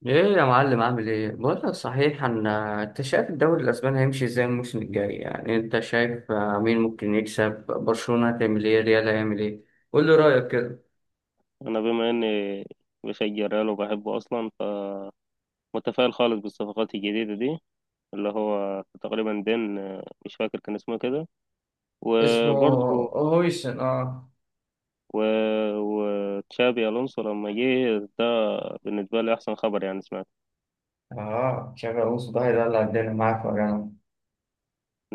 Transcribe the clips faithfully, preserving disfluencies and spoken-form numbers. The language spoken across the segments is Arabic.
ايه يا معلم، عامل ايه؟ بقول لك، صحيح ان انت شايف الدوري الاسباني هيمشي ازاي الموسم الجاي؟ يعني انت شايف آه، مين ممكن يكسب؟ برشلونة هتعمل ايه؟ ريال هيعمل ايه؟ قول لي رايك كده. انا بما اني بشجع ريال وبحبه اصلا، فمتفائل خالص بالصفقات الجديده دي، اللي هو تقريبا دين. آه، مش فاكر كان اسمه كده اسمه وبرضه هويسن، اه. و... وتشابي الونسو لما جه ده، بالنسبه لي احسن خبر يعني سمعت. اه، تشابي الونسو ده هيدلع الدنيا معاك يا جماعه.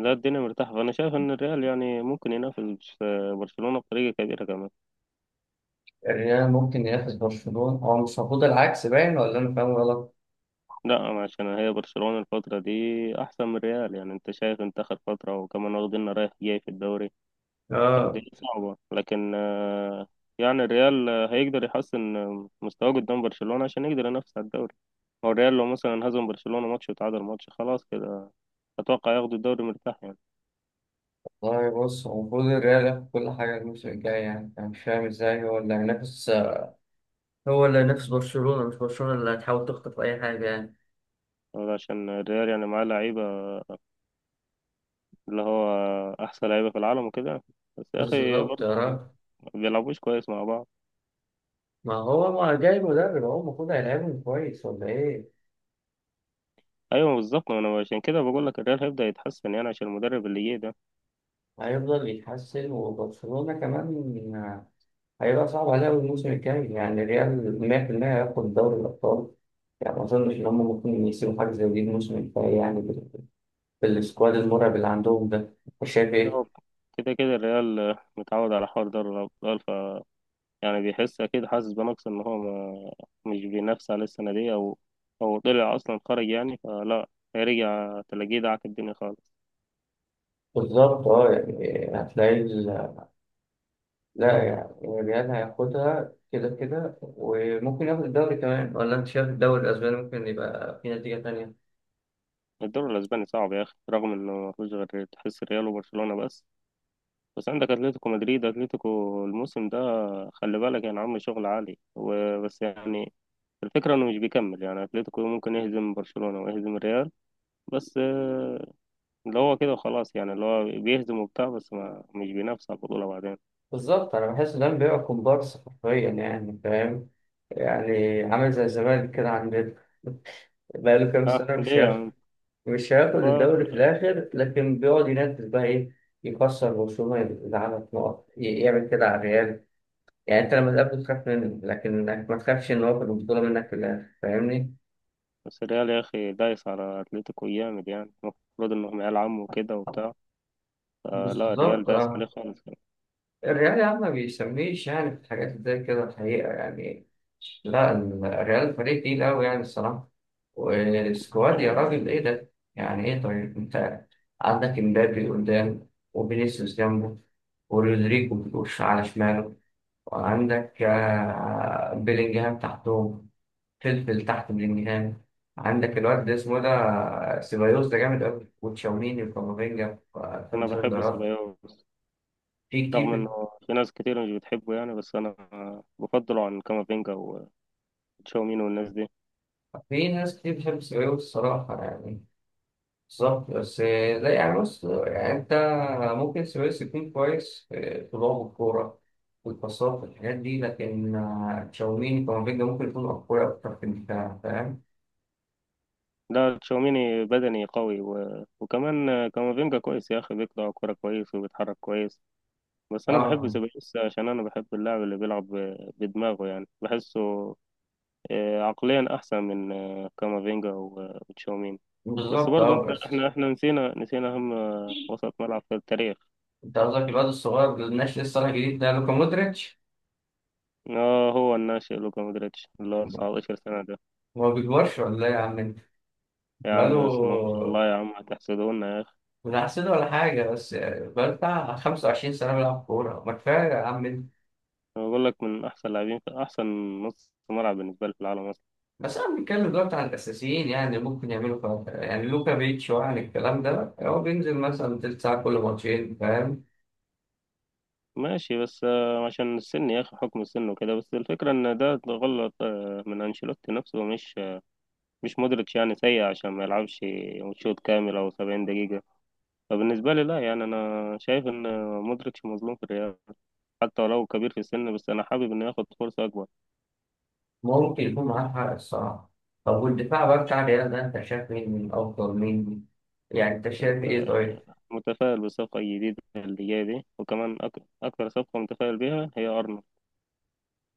لا، الدنيا مرتاحه، فانا شايف ان الريال يعني ممكن ينافس آه، برشلونه بطريقه كبيره كمان. الريال ممكن ينافس برشلونة؟ هو مش المفروض العكس باين ولا انا فاهم غلط؟ لا، عشان هي برشلونه الفتره دي احسن من الريال، يعني انت شايف انت اخر فتره، وكمان واخدين رايح جاي في الدوري، اه الدنيا صعبة. لكن آه، يعني الريال آه، هيقدر يحسن آه، مستواه قدام برشلونة عشان يقدر ينافس على الدوري. هو الريال لو مثلا هزم برشلونة ماتش وتعادل ماتش، خلاص كده أتوقع ياخدوا الدوري مرتاح يعني. والله، بص، هو المفروض الريال ياخد كل حاجة الموسم الجاي، يعني أنا مش فاهم إزاي هو اللي هينافس آه، هو اللي نفس برشلونة، مش برشلونة اللي هتحاول تخطف أي حاجة يعني. هو عشان الريال يعني معاه لعيبة، اللي هو أحسن لعيبة في العالم وكده، بس يا أخي بالظبط برضه يا ما راجل. بيلعبوش كويس مع بعض. ما هو ما جاي مدرب، هو المفروض هيلعبهم كويس ولا إيه؟ أيوة بالظبط، ما أنا عشان كده بقول لك الريال هيبدأ يتحسن يعني عشان المدرب اللي جه ده. هيفضل يتحسن، وبرشلونة كمان هيبقى صعب عليها الموسم الجاي، يعني الريال مية في المية هياخد دوري الأبطال. يعني ما أظنش إن هم ممكن يسيبوا حاجة زي دي الموسم الجاي، يعني بال- بالسكواد المرعب اللي عندهم ده. مش شايف لا، إيه؟ هو كده كده الريال آه، متعود على حوار دوري الأبطال، يعني بيحس اكيد، حاسس بنقص ان هو ما مش بينافس على السنه دي، او او طلع اصلا خرج يعني، فلا، هيرجع تلاقيه دعك الدنيا خالص. بالظبط أه، يعني هتلاقي، لا يعني الريال هياخدها كده كده، وممكن ياخد الدوري كمان. ولا انت شايف الدوري الاسباني ممكن يبقى في نتيجة تانية؟ الدوري الاسباني صعب يا اخي، رغم انه ما فيهوش غير تحس ريال وبرشلونه بس، بس عندك اتلتيكو مدريد. اتلتيكو الموسم ده خلي بالك يعني، عامل شغل عالي وبس. يعني الفكره انه مش بيكمل، يعني اتلتيكو ممكن يهزم برشلونه ويهزم الريال، بس آه، اللي هو كده وخلاص يعني، اللي هو بيهزم وبتاع، بس ما مش بينافس على البطوله بعدين. بالظبط، انا بحس ده بيبقى كومبارس حرفيا يعني، فاهم؟ يعني عامل زي الزمالك كده عندنا، بقاله كام اه سنة مش هياخد ليه مش هياخد يعني. الدوري في الآخر، لكن بيقعد ينافس، بقى إيه، يكسر برشلونة، يزعلك نقط، ي- يعمل كده على الريال. يعني أنت لما تقابله تخاف منه، لكن إنك ما تخافش إن هو ياخد البطولة منك في الآخر، فاهمني؟ بس الريال يا أخي دايس على أتلتيكو جامد، يعني المفروض إنهم عيال عم وكده وبتاع، فلا، الريال بالظبط دايس عليه اه. خالص. الريال يا عم ما بيسميش يعني في الحاجات زي كده الحقيقة يعني. لا ال- الريال فريق تقيل أوي يعني الصراحة. والسكواد يا آه، راجل، إيه ده؟ يعني إيه؟ طيب أنت عندك إمبابي قدام، وفينيسيوس جنبه، ورودريجو بيخش على شماله، وعندك آه، بيلينجهام تحتهم، فلفل تحت بيلينجهام. عندك الواد ده اسمه ده آه، سيبايوس، ده جامد أوي، وتشاوميني وكامافينجا في أنا بحب الدفاع. سيبايوس في رغم كتير إنه في ناس كتير مش بتحبه يعني، بس أنا بفضله عن كامافينجا وتشاوميني والناس دي. في ناس كتير بتحب السبايوي الصراحة يعني. بالظبط، بس لا يعني، بص يعني، أنت ممكن السبايوي يكون كويس في في لعب الكورة والباصات والحاجات دي، لكن آه، تشاوميني كامافينجا ممكن يكون أقوياء أكتر في الدفاع، فاهم؟ لا، تشاوميني بدني قوي و... وكمان آه، كامافينجا كويس يا أخي، بيقطع كورة كويس وبيتحرك كويس، بس أنا بحب أه. سيبايوس عشان أنا بحب اللاعب اللي بيلعب ب- بدماغه، يعني بحسه آه، عقليا أحسن من آه، كامافينجا و- وتشاوميني. بس بالظبط برضو أه انت بس. احنا احنا نسينا نسينا اهم وسط ملعب في التاريخ. أنت قصدك الواد الصغير اللي الناشئ لسه طالع جديد ده، لوكا مودريتش؟ اه، هو الناشئ لوكا مودريتش اللي هو 19 سنة ده. ما بيكبرش ولا إيه يا عم أنت؟ يا بقاله، عم يصنع ان شاء الله، يا عم هتحسدونا يا اخي. من أحسن ولا حاجة، بس يعني بقاله بتاع خمس وعشرين سنة بيلعب كورة، ما كفاية يا عم. انا بقول لك من احسن لاعبين في احسن نص ملعب بالنسبة لي في العالم اصلا. بس انا بنتكلم دلوقتي عن الاساسيين، يعني ممكن يعملوا فرق، يعني لوكا بيتش وعن الكلام ده، هو بينزل مثلا تلت ساعه كل ماتشين، فاهم؟ ماشي، بس آه، عشان السن يا اخي، حكم السن وكده، بس الفكرة ان ده غلط آه، من انشيلوتي نفسه، مش آه، مش مودريتش يعني سيء عشان ما يلعبش شوط كامل او 70 دقيقة. فبالنسبة لي لا، يعني انا شايف ان مودريتش مظلوم في الريال، حتى ولو كبير في السن، بس أنا حابب إنه ياخد فرصة أكبر. ممكن يكون معاه حق الصراحه. طب والدفاع بقى بتاع الريال ده، انت شايف مين من افضل مين؟ يعني انت شايف ايه؟ آه، طيب. متفائل بالصفقة الجديدة اللي جاية دي، وكمان أك... أكتر صفقة متفائل بيها هي أرنولد.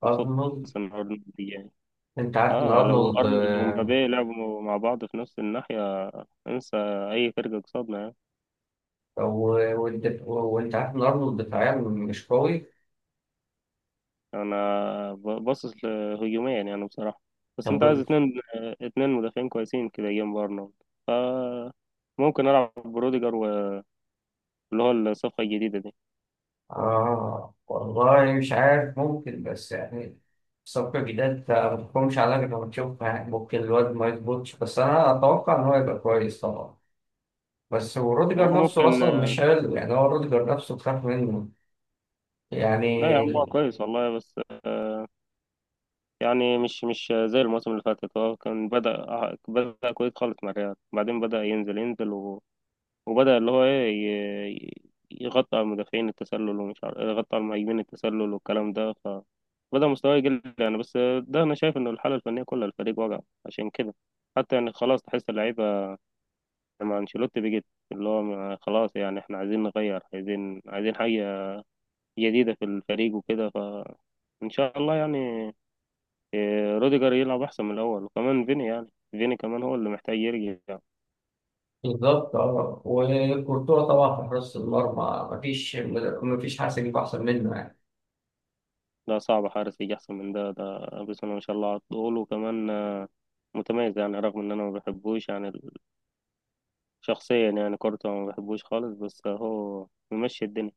مبسوط ارنولد. إن أرنولد جاي. انت عارف ان آه، لو ارنولد أرنولد آه، ومبابي لعبوا مع بعض في نفس الناحية، انسى أي فرقة قصادنا يعني. و- والدف- وانت عارف ان ارنولد دفاعيا مش قوي. أنا ب- باصص لهجوميا يعني بصراحة، بس طب أنت عايز اتنين آه، اتنين مدافعين كويسين كده جنب أرنولد. ف ممكن ألعب بروديجر، واللي هو الصفقة الجديدة دي. آه والله مش عارف، ممكن، بس يعني صفقة جديدة أنت ما تحكمش عليها غير لما تشوفها، يعني ممكن الواد ما يظبطش، بس أنا أتوقع إن هو يبقى كويس طبعا. بس هو روديجر هو نفسه ممكن. أصلا مش حلو، يعني هو روديجر نفسه بخاف منه لا يا عم، هو يعني. كويس والله، بس يعني مش مش زي الموسم اللي فاتت، هو كان بدأ بدأ كويس خالص مع الريال، بعدين بدأ ينزل ينزل و... وبدأ اللي هو إيه، ي- يغطي على المدافعين التسلل، ومش عارف يغطي على المهاجمين التسلل والكلام ده، فبدأ مستواه يقل يعني. بس ده أنا شايف إن الحالة الفنية كلها الفريق وجع، عشان كده حتى يعني خلاص تحس اللعيبة مع أنشيلوتي بقت، اللي هو ما- خلاص يعني إحنا عايزين نغير، عايزين عايزين حاجة جديدة في الفريق وكده، فإن شاء الله يعني روديجر يلعب احسن من الاول. وكمان فيني، يعني فيني كمان هو اللي محتاج يرجع. بالظبط أه. وكورتوا طبعا في حراسة المرمى، مفيش مفيش حاسس يجيب أحسن منه يعني. ده صعب حارس يجي احسن من ده. ده بسم الله ما شاء الله على طول، وكمان آه، متميز يعني، رغم ان انا ما بحبوش يعني ال- شخصيا يعني، كورته ما بحبوش خالص، بس هو ممشي الدنيا.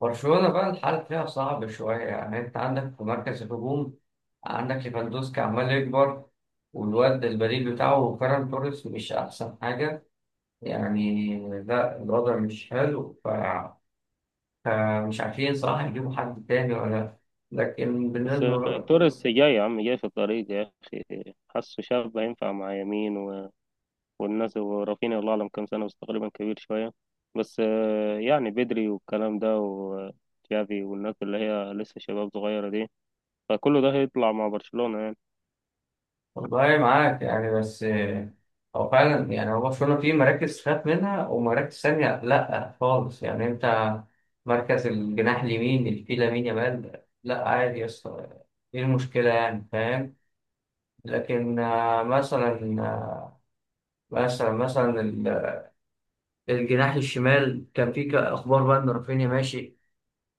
برشلونة بقى الحال فيها صعب شوية، يعني أنت عندك في مركز الهجوم، عندك ليفاندوسكي عمال يكبر، والواد البديل بتاعه فيران توريس مش أحسن حاجة يعني. لا، الوضع مش حلو، ف- فمش عارفين صراحة يجيبوا حد تاني ولا. لكن بس آه، بالنسبة، توريس جاي يا عم، جاي في الطريق يا اخي، حاسه شاب هينفع مع يمين و... والناس. ورافينيا، الله اعلم كام سنه، بس تقريبا كبير شويه. بس آه، يعني بدري والكلام ده، وتشافي والناس اللي هي لسه شباب صغيره دي، فكله ده هيطلع مع برشلونة يعني. والله معاك يعني، بس آه، هو فعلا يعني هو برشلونة فيه مراكز خاف منها ومراكز ثانية لأ خالص، يعني أنت مركز الجناح اليمين اللي فيه لامين يامال، لأ عادي يا اسطى، إيه المشكلة يعني، فاهم؟ لكن آه، مثلا آه، مثلا مثلا ال- الجناح الشمال كان فيه ك- أخبار بقى إن رافينيا ماشي،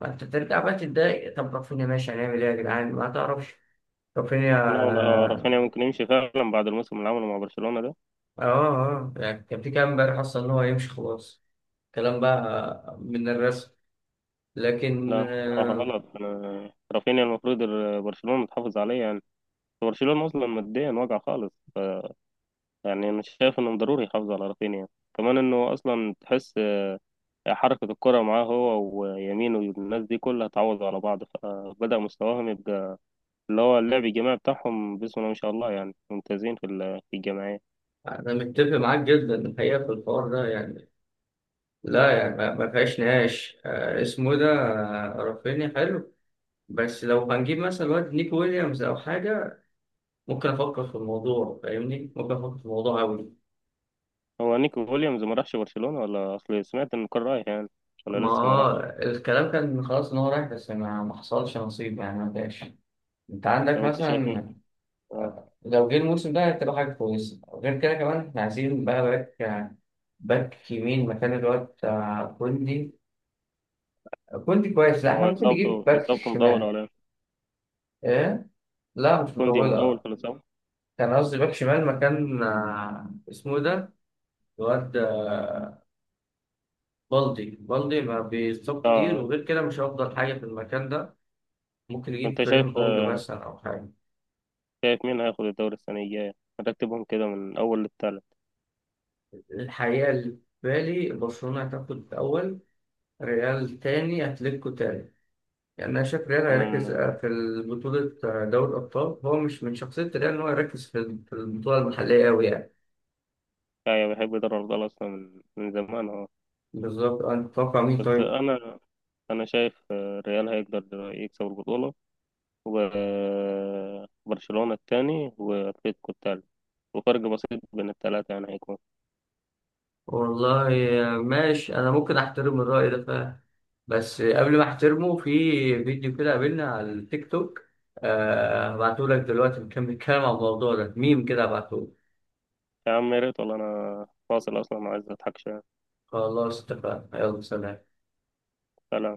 فأنت ترجع بقى تتضايق، طب رافينيا ماشي هنعمل إيه يا جدعان؟ ما تعرفش رافينيا؟ لا والله، هو اه. رافينيا ممكن يمشي فعلا بعد الموسم اللي عمله مع برشلونة ده. اه، آه، يعني كان في كلام امبارح اصلا ان هو يمشي خلاص، كلام بقى من الرسم. لكن لا بصراحة آه، غلط، أنا- رافينيا المفروض ال- برشلونة تحافظ عليه يعني. برشلونة أصلا ماديا واقع خالص، يعني أنا شايف إنه ضروري يحافظ على رافينيا، كمان إنه أصلا تحس حركة الكرة معاه هو ويمين والناس دي كلها، تعوض على بعض، فبدأ مستواهم يبقى اللي هو اللعب الجماعي بتاعهم بسم الله ما شاء الله، يعني ممتازين في ال- في الجماعية. انا متفق معاك جدا الحقيقه في الحوار ده يعني. لا يعني ما ما فيهاش نقاش آه، اسمه ده آه، رافينيا حلو، بس لو هنجيب مثلا واد نيكو ويليامز او حاجه ممكن افكر في الموضوع، فاهمني؟ ممكن افكر في الموضوع قوي. هو نيكو ويليامز ما راحش برشلونة، ولا اصل سمعت ان كان رايح يعني ولا ما لسه ما آه، راحش؟ الكلام كان خلاص ان هو رايح، بس ما ما حصلش نصيب يعني ما جاش. انت عندك طب انت شايف مين؟ مثلا، اه، لو جه الموسم ده هتبقى حاجه كويسه، غير كده كمان احنا عايزين بقى باك آه، باك يمين مكان الواد بتاع كوندي. كوندي كويس، لا هو احنا ممكن اصابته نجيب باك اصابته مطول شمال. ولا إيه؟ ايه، لا مش كوندي مطول مطولة. في الاصابة، كان قصدي باك شمال مكان آه، اسمه إيه ده، الواد آه، بالدي بالدي ما بيصاب كتير، اه. وغير كده مش هيفضل حاجة في المكان ده. ممكن نجيب انت شايف كريم بونج آه، مثلا أو حاجة. شايف مين هياخد الدوري السنة الجاية؟ هتكتبهم كده من اول للتالت. الحقيقة اللي في بالي، برشلونة هتاخد الأول، ريال تاني، أتلتيكو تالت. يعني أنا شايف ريال هيركز انا آه، في بطولة دوري الأبطال، هو مش من شخصية ريال إن هو يركز في في البطولة المحلية أوي يعني. كايا بحب دوري الابطال اصلا من من زمان اهو. بالظبط أه، انت تتوقع مين بس طيب؟ انا انا شايف آه، الريال هيقدر يكسب البطولة، وبرشلونة التاني واتلتيكو التالت، وفرق بسيط بين التلاتة يعني هيكون. والله ماشي، انا ممكن احترم الرأي ده فعلا، بس قبل ما احترمه، في فيديو كده قابلنا على التيك توك، آه هبعته لك دلوقتي، بنكمل الكلام عن الموضوع ده، ميم كده، هبعته لك. يا عم يا ريت والله، انا فاصل اصلا عايز اضحك شويه. خلاص اتفقنا، يلا سلام. سلام.